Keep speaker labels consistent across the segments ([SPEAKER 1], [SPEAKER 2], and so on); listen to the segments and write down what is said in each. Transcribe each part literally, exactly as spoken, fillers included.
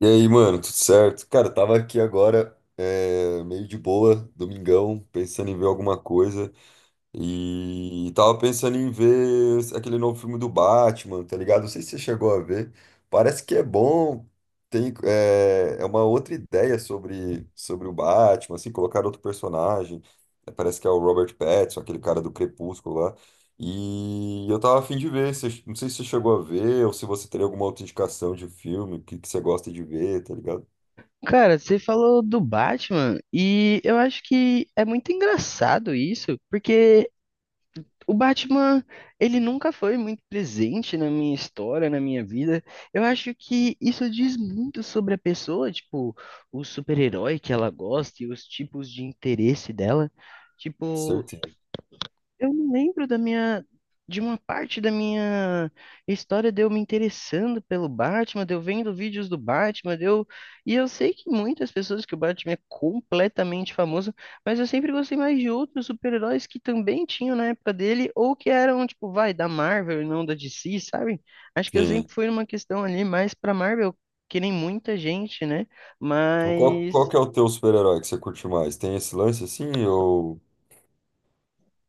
[SPEAKER 1] E aí, mano, tudo certo? Cara, eu tava aqui agora, é, meio de boa, domingão, pensando em ver alguma coisa. E tava pensando em ver aquele novo filme do Batman, tá ligado? Não sei se você chegou a ver. Parece que é bom. Tem, é, é uma outra ideia sobre, sobre o Batman, assim, colocar outro personagem. É, parece que é o Robert Pattinson, aquele cara do Crepúsculo lá. E eu tava a fim de ver. Você- Não sei se você chegou a ver ou se você teria alguma outra indicação de filme, o que, que você gosta de ver, tá ligado?
[SPEAKER 2] Cara, você falou do Batman e eu acho que é muito engraçado isso, porque o Batman, ele nunca foi muito presente na minha história, na minha vida. Eu acho que isso diz muito sobre a pessoa, tipo, o super-herói que ela gosta e os tipos de interesse dela. Tipo,
[SPEAKER 1] Certeza.
[SPEAKER 2] eu não lembro da minha, de uma parte da minha história de eu me interessando pelo Batman, de eu vendo vídeos do Batman, de eu... E eu sei que muitas pessoas que o Batman é completamente famoso, mas eu sempre gostei mais de outros super-heróis que também tinham na época dele, ou que eram, tipo, vai, da Marvel e não da D C, sabe? Acho que eu
[SPEAKER 1] Sim.
[SPEAKER 2] sempre fui numa questão ali mais pra Marvel, que nem muita gente, né?
[SPEAKER 1] Tipo, Qual, qual
[SPEAKER 2] Mas...
[SPEAKER 1] que é o teu super-herói que você curte mais? Tem esse lance assim ou.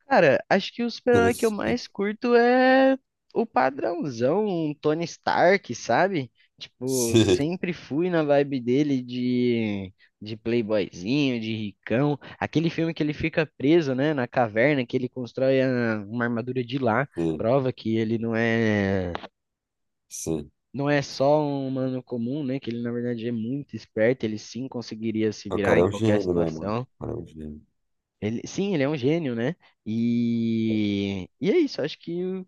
[SPEAKER 2] Cara, acho que o super-herói que eu
[SPEAKER 1] Interessante.
[SPEAKER 2] mais curto é o padrãozão, um Tony Stark, sabe? Tipo,
[SPEAKER 1] Sim,
[SPEAKER 2] sempre fui na vibe dele de, de playboyzinho, de ricão. Aquele filme que ele fica preso, né, na caverna, que ele constrói a- uma armadura de lá,
[SPEAKER 1] sim,
[SPEAKER 2] prova que ele não é,
[SPEAKER 1] sim.
[SPEAKER 2] não é só um humano comum, né? Que ele, na verdade, é muito esperto, ele sim conseguiria se
[SPEAKER 1] O
[SPEAKER 2] virar
[SPEAKER 1] cara é
[SPEAKER 2] em
[SPEAKER 1] um
[SPEAKER 2] qualquer
[SPEAKER 1] gênio, né, mano?
[SPEAKER 2] situação.
[SPEAKER 1] O cara é um gênio.
[SPEAKER 2] Ele, sim, ele é um gênio, né? E, e é isso, acho que o-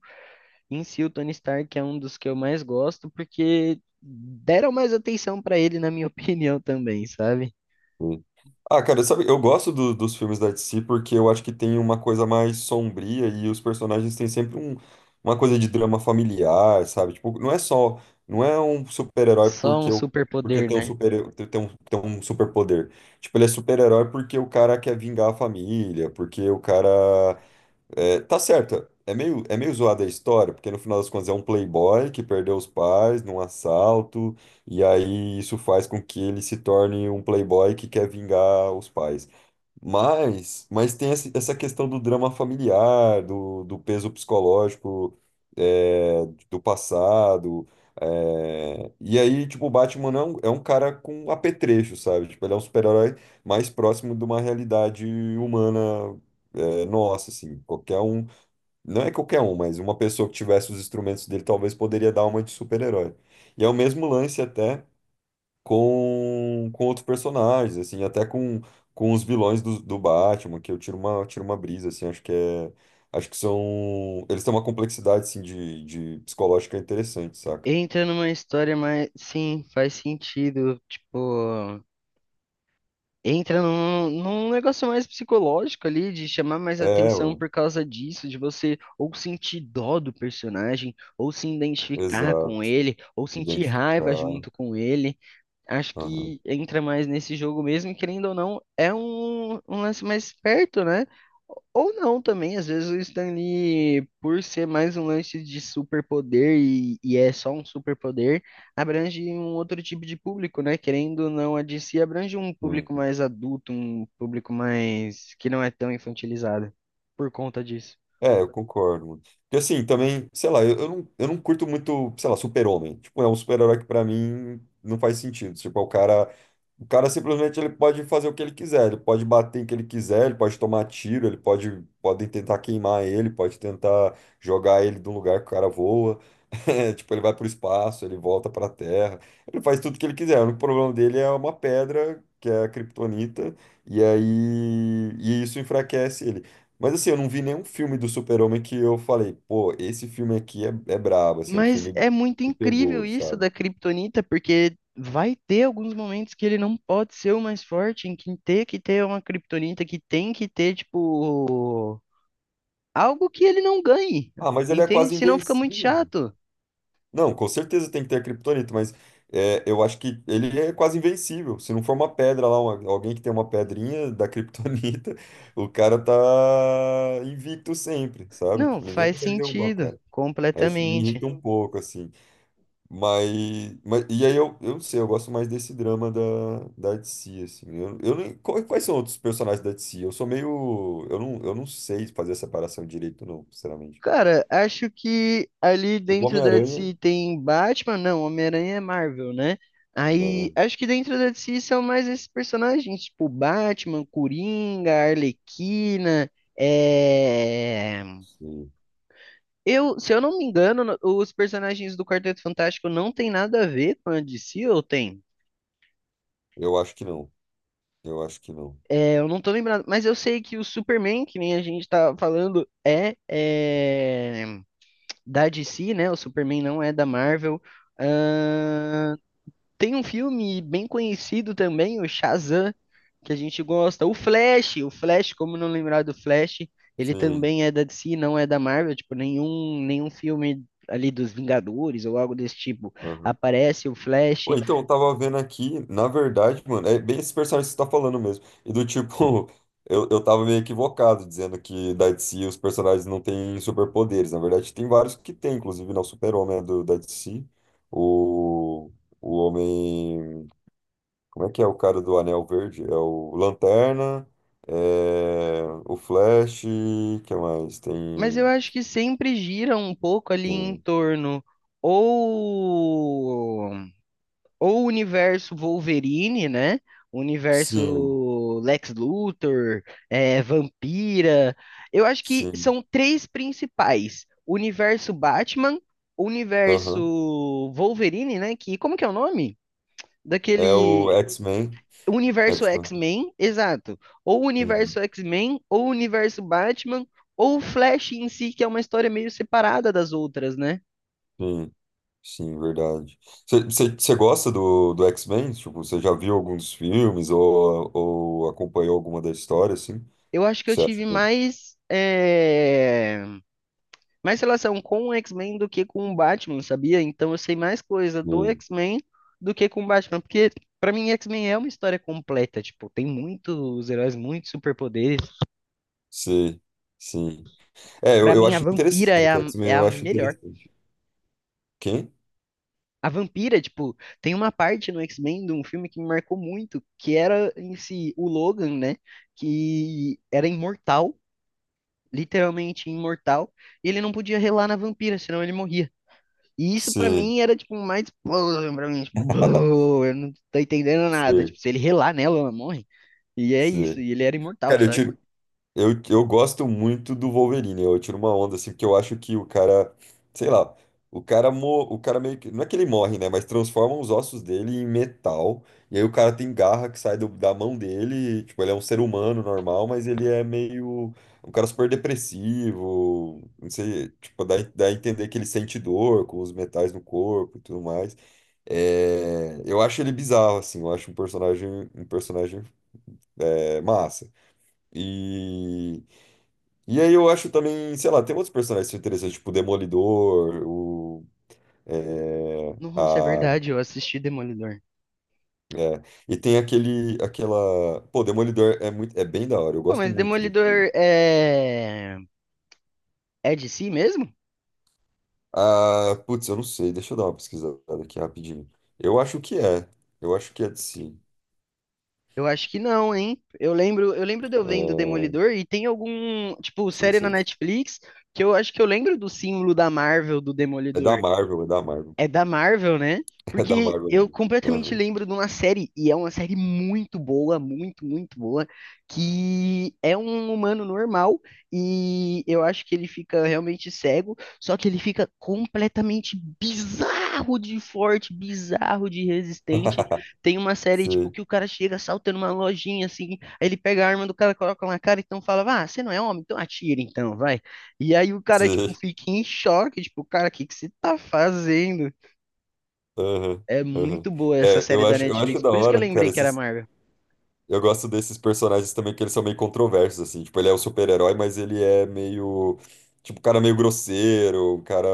[SPEAKER 2] em si o Tony Stark é um dos que eu mais gosto, porque deram mais atenção pra ele, na minha opinião, também, sabe?
[SPEAKER 1] Sim. Ah, cara, sabe, eu gosto do- dos filmes da D C porque eu acho que tem uma coisa mais sombria e os personagens têm sempre um, uma coisa de drama familiar, sabe? Tipo, não é só, não é um super-herói
[SPEAKER 2] Só um
[SPEAKER 1] porque o porque
[SPEAKER 2] superpoder,
[SPEAKER 1] tem um
[SPEAKER 2] né?
[SPEAKER 1] super tem um, tem um superpoder. Tipo, ele é super-herói porque o cara quer vingar a família, porque o cara é, tá certo. É meio, é meio zoada a história, porque no final das contas é um playboy que perdeu os pais num assalto, e aí isso faz com que ele se torne um playboy que quer vingar os pais. Mas, mas tem esse- essa questão do drama familiar, do, do peso psicológico, é, do passado. É, e aí, tipo, o Batman é um, é um cara com apetrecho, sabe? Tipo, ele é um super-herói mais próximo de uma realidade humana, é, nossa, assim. Qualquer um, não é qualquer um, mas uma pessoa que tivesse os instrumentos dele talvez poderia dar uma de super-herói. E é o mesmo lance até com, com outros personagens, assim, até com, com os vilões do, do Batman, que eu tiro uma, tiro uma brisa, assim, acho que é. Acho que são. Eles têm uma complexidade, assim, de, de psicológica interessante, saca?
[SPEAKER 2] Entra numa história mais. Sim, faz sentido. Tipo, entra num, num negócio mais psicológico ali, de chamar mais
[SPEAKER 1] É,
[SPEAKER 2] atenção
[SPEAKER 1] mano.
[SPEAKER 2] por causa disso, de você ou sentir dó do personagem, ou se identificar com
[SPEAKER 1] Exato.
[SPEAKER 2] ele, ou sentir raiva
[SPEAKER 1] Identificar.
[SPEAKER 2] junto com ele. Acho
[SPEAKER 1] Aham.
[SPEAKER 2] que entra mais nesse jogo mesmo, e querendo ou não, é um, um lance mais perto, né? Ou não também, às vezes o Stan Lee, por ser mais um lance de superpoder e, e é só um superpoder, abrange um outro tipo de público, né? Querendo ou não, a D C abrange um público
[SPEAKER 1] Hum.
[SPEAKER 2] mais adulto, um público mais que não é tão infantilizado por conta disso.
[SPEAKER 1] É, eu concordo, mano. Porque assim, também, sei lá, eu, eu não, eu não curto muito, sei lá, super-homem. Tipo, é um super-herói que pra mim não faz sentido. Tipo, é o cara. O cara simplesmente ele pode fazer o que ele quiser, ele pode bater em que ele quiser, ele pode tomar tiro, ele pode podem tentar queimar ele, pode tentar jogar ele de um lugar que o cara voa. É, tipo, ele vai pro espaço, ele volta pra Terra. Ele faz tudo o que ele quiser. O único problema dele é uma pedra, que é a kryptonita, e aí e isso enfraquece ele. Mas assim, eu não vi nenhum filme do Super-Homem que eu falei, pô, esse filme aqui é, é brabo, assim, é um
[SPEAKER 2] Mas
[SPEAKER 1] filme
[SPEAKER 2] é muito
[SPEAKER 1] que me
[SPEAKER 2] incrível
[SPEAKER 1] pegou,
[SPEAKER 2] isso
[SPEAKER 1] sabe?
[SPEAKER 2] da Kryptonita, porque vai ter alguns momentos que ele não pode ser o mais forte, em que ter que ter uma Kryptonita que tem que ter, tipo, algo que ele não ganhe,
[SPEAKER 1] Ah, mas ele é
[SPEAKER 2] entende?
[SPEAKER 1] quase
[SPEAKER 2] Senão fica muito
[SPEAKER 1] invencível.
[SPEAKER 2] chato.
[SPEAKER 1] Não, com certeza tem que ter a criptonita, mas é, eu acho que ele é quase invencível. Se não for uma pedra lá, uma- alguém que tem uma pedrinha da criptonita, o cara tá invicto sempre, sabe?
[SPEAKER 2] Não,
[SPEAKER 1] Tipo, ninguém
[SPEAKER 2] faz
[SPEAKER 1] consegue derrubar o
[SPEAKER 2] sentido,
[SPEAKER 1] cara. Aí isso me irrita
[SPEAKER 2] completamente.
[SPEAKER 1] um pouco, assim. Mas, mas e aí eu, eu não sei, eu gosto mais desse drama da, da D C, assim. Eu, eu nem, qu- quais são outros personagens da D C? Eu sou meio. Eu não, eu não sei fazer a separação direito, não, sinceramente.
[SPEAKER 2] Cara, acho que ali
[SPEAKER 1] O
[SPEAKER 2] dentro da
[SPEAKER 1] Homem-Aranha.
[SPEAKER 2] D C tem Batman, não, Homem-Aranha é Marvel, né? Aí,
[SPEAKER 1] Homem-Aranha,
[SPEAKER 2] acho que dentro da D C são mais esses personagens, tipo Batman, Coringa, Arlequina, é...
[SPEAKER 1] sim.
[SPEAKER 2] Eu, se eu não me engano, no- os personagens do Quarteto Fantástico não tem nada a ver com a D C, ou tem?
[SPEAKER 1] Eu acho que não. Eu acho que não.
[SPEAKER 2] É, eu não tô lembrado, mas eu sei que o Superman, que nem a gente tá falando, é, é da D C, né? O Superman não é da Marvel. Ahn, Tem um filme bem conhecido também, o Shazam, que a gente gosta. O Flash, o Flash, como não lembrar do Flash, ele
[SPEAKER 1] Sim.
[SPEAKER 2] também é da D C, não é da Marvel, tipo, nenhum, nenhum filme ali dos Vingadores ou algo desse tipo
[SPEAKER 1] Aham.
[SPEAKER 2] aparece o Flash,
[SPEAKER 1] Pô, então, eu tava vendo aqui, na verdade, mano, é bem esse personagem que você tá falando mesmo. E do tipo, eu, eu tava meio equivocado dizendo que da D C os personagens não têm superpoderes. Na verdade, tem vários que tem, inclusive, não, o Super-Homem é do, da D C. O, o Homem. Como é que é o cara do Anel Verde? É o Lanterna, é, o Flash, que mais?
[SPEAKER 2] mas eu
[SPEAKER 1] Tem.
[SPEAKER 2] acho que sempre gira um pouco ali em
[SPEAKER 1] Tem...
[SPEAKER 2] torno ou ou o universo Wolverine, né? O
[SPEAKER 1] Sim,
[SPEAKER 2] universo Lex Luthor, é, Vampira. Eu acho que
[SPEAKER 1] sim.
[SPEAKER 2] são três principais: o universo Batman, o universo
[SPEAKER 1] Aham.
[SPEAKER 2] Wolverine, né? Que como que é o nome?
[SPEAKER 1] É o
[SPEAKER 2] Daquele
[SPEAKER 1] X-Men.
[SPEAKER 2] o universo
[SPEAKER 1] X-Men.
[SPEAKER 2] X-Men, exato. Ou o
[SPEAKER 1] Uhum.
[SPEAKER 2] universo X-Men, ou o universo Batman, ou o Flash em si, que é uma história meio separada das outras, né?
[SPEAKER 1] Sim, sim, verdade. Você gosta do, do X-Men? Tipo, você já viu algum dos filmes ou, ou acompanhou alguma da história, assim?
[SPEAKER 2] Eu acho que eu
[SPEAKER 1] Você acha
[SPEAKER 2] tive
[SPEAKER 1] que... que-
[SPEAKER 2] mais é, mais relação com o X-Men do que com o Batman, sabia? Então eu sei mais coisa do X-Men do que com o Batman, porque pra mim X-Men é uma história completa, tipo, tem muitos heróis, muitos superpoderes.
[SPEAKER 1] Sim, sim. É, eu,
[SPEAKER 2] Pra
[SPEAKER 1] eu
[SPEAKER 2] mim a
[SPEAKER 1] acho
[SPEAKER 2] vampira é
[SPEAKER 1] interessante.
[SPEAKER 2] a,
[SPEAKER 1] O
[SPEAKER 2] é
[SPEAKER 1] X-Men
[SPEAKER 2] a
[SPEAKER 1] eu acho
[SPEAKER 2] melhor.
[SPEAKER 1] interessante. Quem?
[SPEAKER 2] A vampira, tipo, tem uma parte no X-Men de um filme que me marcou muito, que era em si o Logan, né? Que era imortal, literalmente imortal, e ele não podia relar na vampira, senão ele morria. E isso pra
[SPEAKER 1] Sim,
[SPEAKER 2] mim era tipo mais explosão pra mim, tipo, "Bô, eu não tô entendendo nada.
[SPEAKER 1] sim,
[SPEAKER 2] Tipo, se ele relar nela, ela morre. E é isso,
[SPEAKER 1] sim.
[SPEAKER 2] e ele era imortal,
[SPEAKER 1] Cara, eu
[SPEAKER 2] sabe?
[SPEAKER 1] tive Eu, eu gosto muito do Wolverine, eu tiro uma onda, assim, porque eu acho que o cara, sei lá, o cara, mo, o cara meio que, não é que ele morre, né, mas transforma os ossos dele em metal, e aí o cara tem garra que sai do- da mão dele, e, tipo, ele é um ser humano normal, mas ele é meio, um cara super depressivo, não sei, tipo, dá, dá a entender que ele sente dor com os metais no corpo e tudo mais. É, eu acho ele bizarro, assim, eu acho um personagem, um personagem, é, massa. E e aí eu acho também, sei lá, tem outros personagens interessantes, tipo o Demolidor, o. É,
[SPEAKER 2] Nossa, é
[SPEAKER 1] a,
[SPEAKER 2] verdade, eu assisti Demolidor.
[SPEAKER 1] é, e tem aquele, aquela. Pô, o Demolidor é muito, é bem da hora, eu
[SPEAKER 2] Pô,
[SPEAKER 1] gosto
[SPEAKER 2] mas
[SPEAKER 1] muito dele.
[SPEAKER 2] Demolidor é é de si mesmo?
[SPEAKER 1] Ah, putz, eu não sei, deixa eu dar uma pesquisada aqui rapidinho. Eu acho que é, eu acho que é de si.
[SPEAKER 2] Eu acho que não, hein? Eu lembro, eu lembro de eu
[SPEAKER 1] É,
[SPEAKER 2] vendo
[SPEAKER 1] deixa
[SPEAKER 2] Demolidor e tem algum, tipo,
[SPEAKER 1] eu ver
[SPEAKER 2] série
[SPEAKER 1] se
[SPEAKER 2] na
[SPEAKER 1] é, de- si.
[SPEAKER 2] Netflix que eu acho que eu lembro do símbolo da Marvel do
[SPEAKER 1] é da
[SPEAKER 2] Demolidor.
[SPEAKER 1] Marvel, é da Marvel,
[SPEAKER 2] É da Marvel, né?
[SPEAKER 1] é da
[SPEAKER 2] Porque
[SPEAKER 1] Marvel.
[SPEAKER 2] eu completamente
[SPEAKER 1] Aham.
[SPEAKER 2] lembro de uma série, e é uma série muito boa, muito, muito boa, que é um humano normal, e eu acho que ele fica realmente cego, só que ele fica completamente bizarro de forte, bizarro de resistente. Tem uma série, tipo,
[SPEAKER 1] Sim,
[SPEAKER 2] que o cara chega saltando uma lojinha, assim, aí ele pega a arma do cara, coloca na cara, então fala, ah, você não é homem, então atira, então, vai. E aí o cara, tipo,
[SPEAKER 1] sim.
[SPEAKER 2] fica em choque, tipo, cara, o que que você tá fazendo?
[SPEAKER 1] Aham,
[SPEAKER 2] É
[SPEAKER 1] aham.
[SPEAKER 2] muito boa essa
[SPEAKER 1] É,
[SPEAKER 2] série
[SPEAKER 1] eu
[SPEAKER 2] da
[SPEAKER 1] acho, eu acho
[SPEAKER 2] Netflix.
[SPEAKER 1] da
[SPEAKER 2] Por isso que eu
[SPEAKER 1] hora,
[SPEAKER 2] lembrei
[SPEAKER 1] cara,
[SPEAKER 2] que era
[SPEAKER 1] esses.
[SPEAKER 2] Marvel.
[SPEAKER 1] Eu gosto desses personagens também que eles são meio controversos, assim. Tipo, ele é o super-herói, mas ele é meio. Tipo, um cara meio grosseiro, um cara.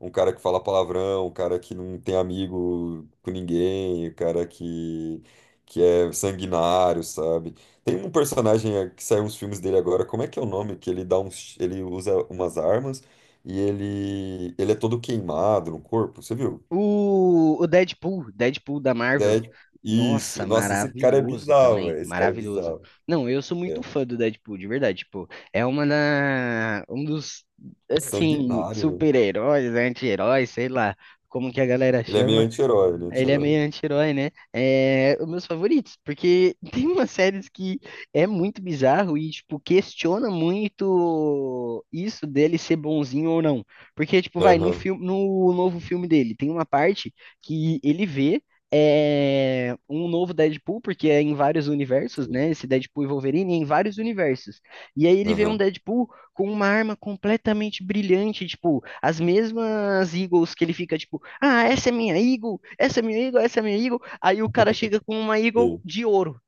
[SPEAKER 1] Um cara que fala palavrão, um cara que não tem amigo com ninguém, um cara que. Que é sanguinário, sabe? Tem um personagem eh, que saiu uns filmes dele agora, como é que é o nome? Que ele dá uns. Ele usa umas armas e ele. Ele é todo queimado no corpo, você viu?
[SPEAKER 2] O, o Deadpool, Deadpool da Marvel.
[SPEAKER 1] Dead. Isso.
[SPEAKER 2] Nossa,
[SPEAKER 1] Nossa, esse cara é
[SPEAKER 2] maravilhoso
[SPEAKER 1] bizarro,
[SPEAKER 2] também,
[SPEAKER 1] velho. Esse cara é
[SPEAKER 2] maravilhoso.
[SPEAKER 1] bizarro.
[SPEAKER 2] Não, eu sou muito
[SPEAKER 1] É.
[SPEAKER 2] fã do Deadpool, de verdade, tipo, é uma da, um dos, assim,
[SPEAKER 1] Sanguinário, né?
[SPEAKER 2] super-heróis, anti-heróis, sei lá, como que a galera
[SPEAKER 1] Ele é meio
[SPEAKER 2] chama,
[SPEAKER 1] anti-herói, ele é
[SPEAKER 2] ele é
[SPEAKER 1] anti-herói.
[SPEAKER 2] meio anti-herói, né? É um dos meus favoritos, porque tem umas séries que é muito bizarro e, tipo, questiona muito isso dele ser bonzinho ou não. Porque, tipo, vai, no
[SPEAKER 1] Aham,
[SPEAKER 2] filme, no novo filme dele, tem uma parte que ele vê é, um novo Deadpool, porque é em vários universos,
[SPEAKER 1] sim.
[SPEAKER 2] né? Esse Deadpool e Wolverine é em vários universos. E aí ele vê um
[SPEAKER 1] Aham,
[SPEAKER 2] Deadpool com uma arma completamente brilhante, tipo, as mesmas Eagles que ele fica, tipo, ah, essa é minha Eagle, essa é minha Eagle, essa é minha Eagle. Aí o cara chega com uma Eagle
[SPEAKER 1] sim.
[SPEAKER 2] de ouro.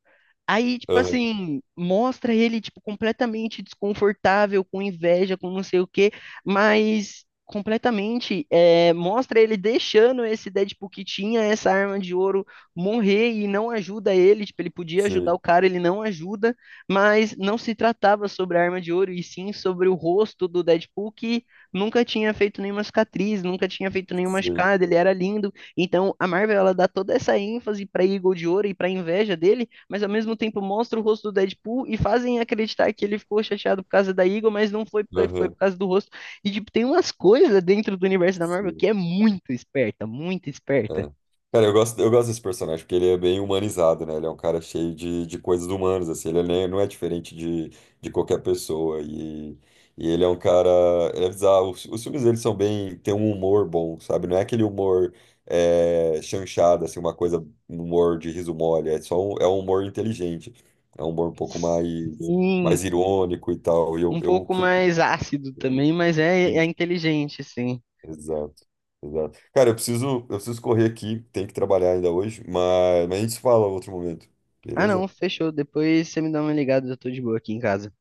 [SPEAKER 2] Aí, tipo
[SPEAKER 1] Aham,
[SPEAKER 2] assim, mostra ele, tipo, completamente desconfortável, com inveja, com não sei o quê, mas completamente, é, mostra ele deixando esse Deadpool que tinha essa arma de ouro morrer e não ajuda ele, tipo, ele podia ajudar
[SPEAKER 1] sim.
[SPEAKER 2] o cara, ele não ajuda, mas não se tratava sobre a arma de ouro, e sim sobre o rosto do Deadpool que nunca tinha feito nenhuma cicatriz, nunca tinha feito nenhuma
[SPEAKER 1] Sim.
[SPEAKER 2] machucado, ele era lindo, então a Marvel, ela dá toda essa ênfase pra Eagle de Ouro e pra inveja dele, mas ao mesmo tempo mostra o rosto do Deadpool e fazem acreditar que ele ficou chateado por causa da Eagle, mas não foi, por- foi por
[SPEAKER 1] Aham,
[SPEAKER 2] causa do rosto. E, tipo, tem umas coisas dentro do universo da Marvel
[SPEAKER 1] sim.
[SPEAKER 2] que é muito esperta, muito esperta.
[SPEAKER 1] É. Cara, eu gosto, eu gosto desse personagem, porque ele é bem humanizado, né? Ele é um cara cheio de, de coisas humanas, assim. Ele nem- não é diferente de, de qualquer pessoa. E, e ele é um cara... Ele é bizarro. Os, os filmes dele são bem... Tem um humor bom, sabe? Não é aquele humor é, chanchado, assim, uma coisa... Um humor de riso mole. É só um, é um humor inteligente. É um humor um pouco mais,
[SPEAKER 2] Sim,
[SPEAKER 1] mais irônico e tal. E eu,
[SPEAKER 2] um
[SPEAKER 1] eu
[SPEAKER 2] pouco
[SPEAKER 1] curto.
[SPEAKER 2] mais ácido também, mas é, é inteligente, sim.
[SPEAKER 1] Exato, exato. Cara, eu preciso, eu preciso correr aqui, tenho que trabalhar ainda hoje, mas, mas a gente se fala outro momento,
[SPEAKER 2] Ah, não,
[SPEAKER 1] beleza?
[SPEAKER 2] fechou. Depois você me dá uma ligada, eu tô de boa aqui em casa.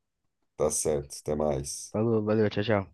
[SPEAKER 1] Tá certo, até mais.
[SPEAKER 2] Falou, valeu, tchau, tchau.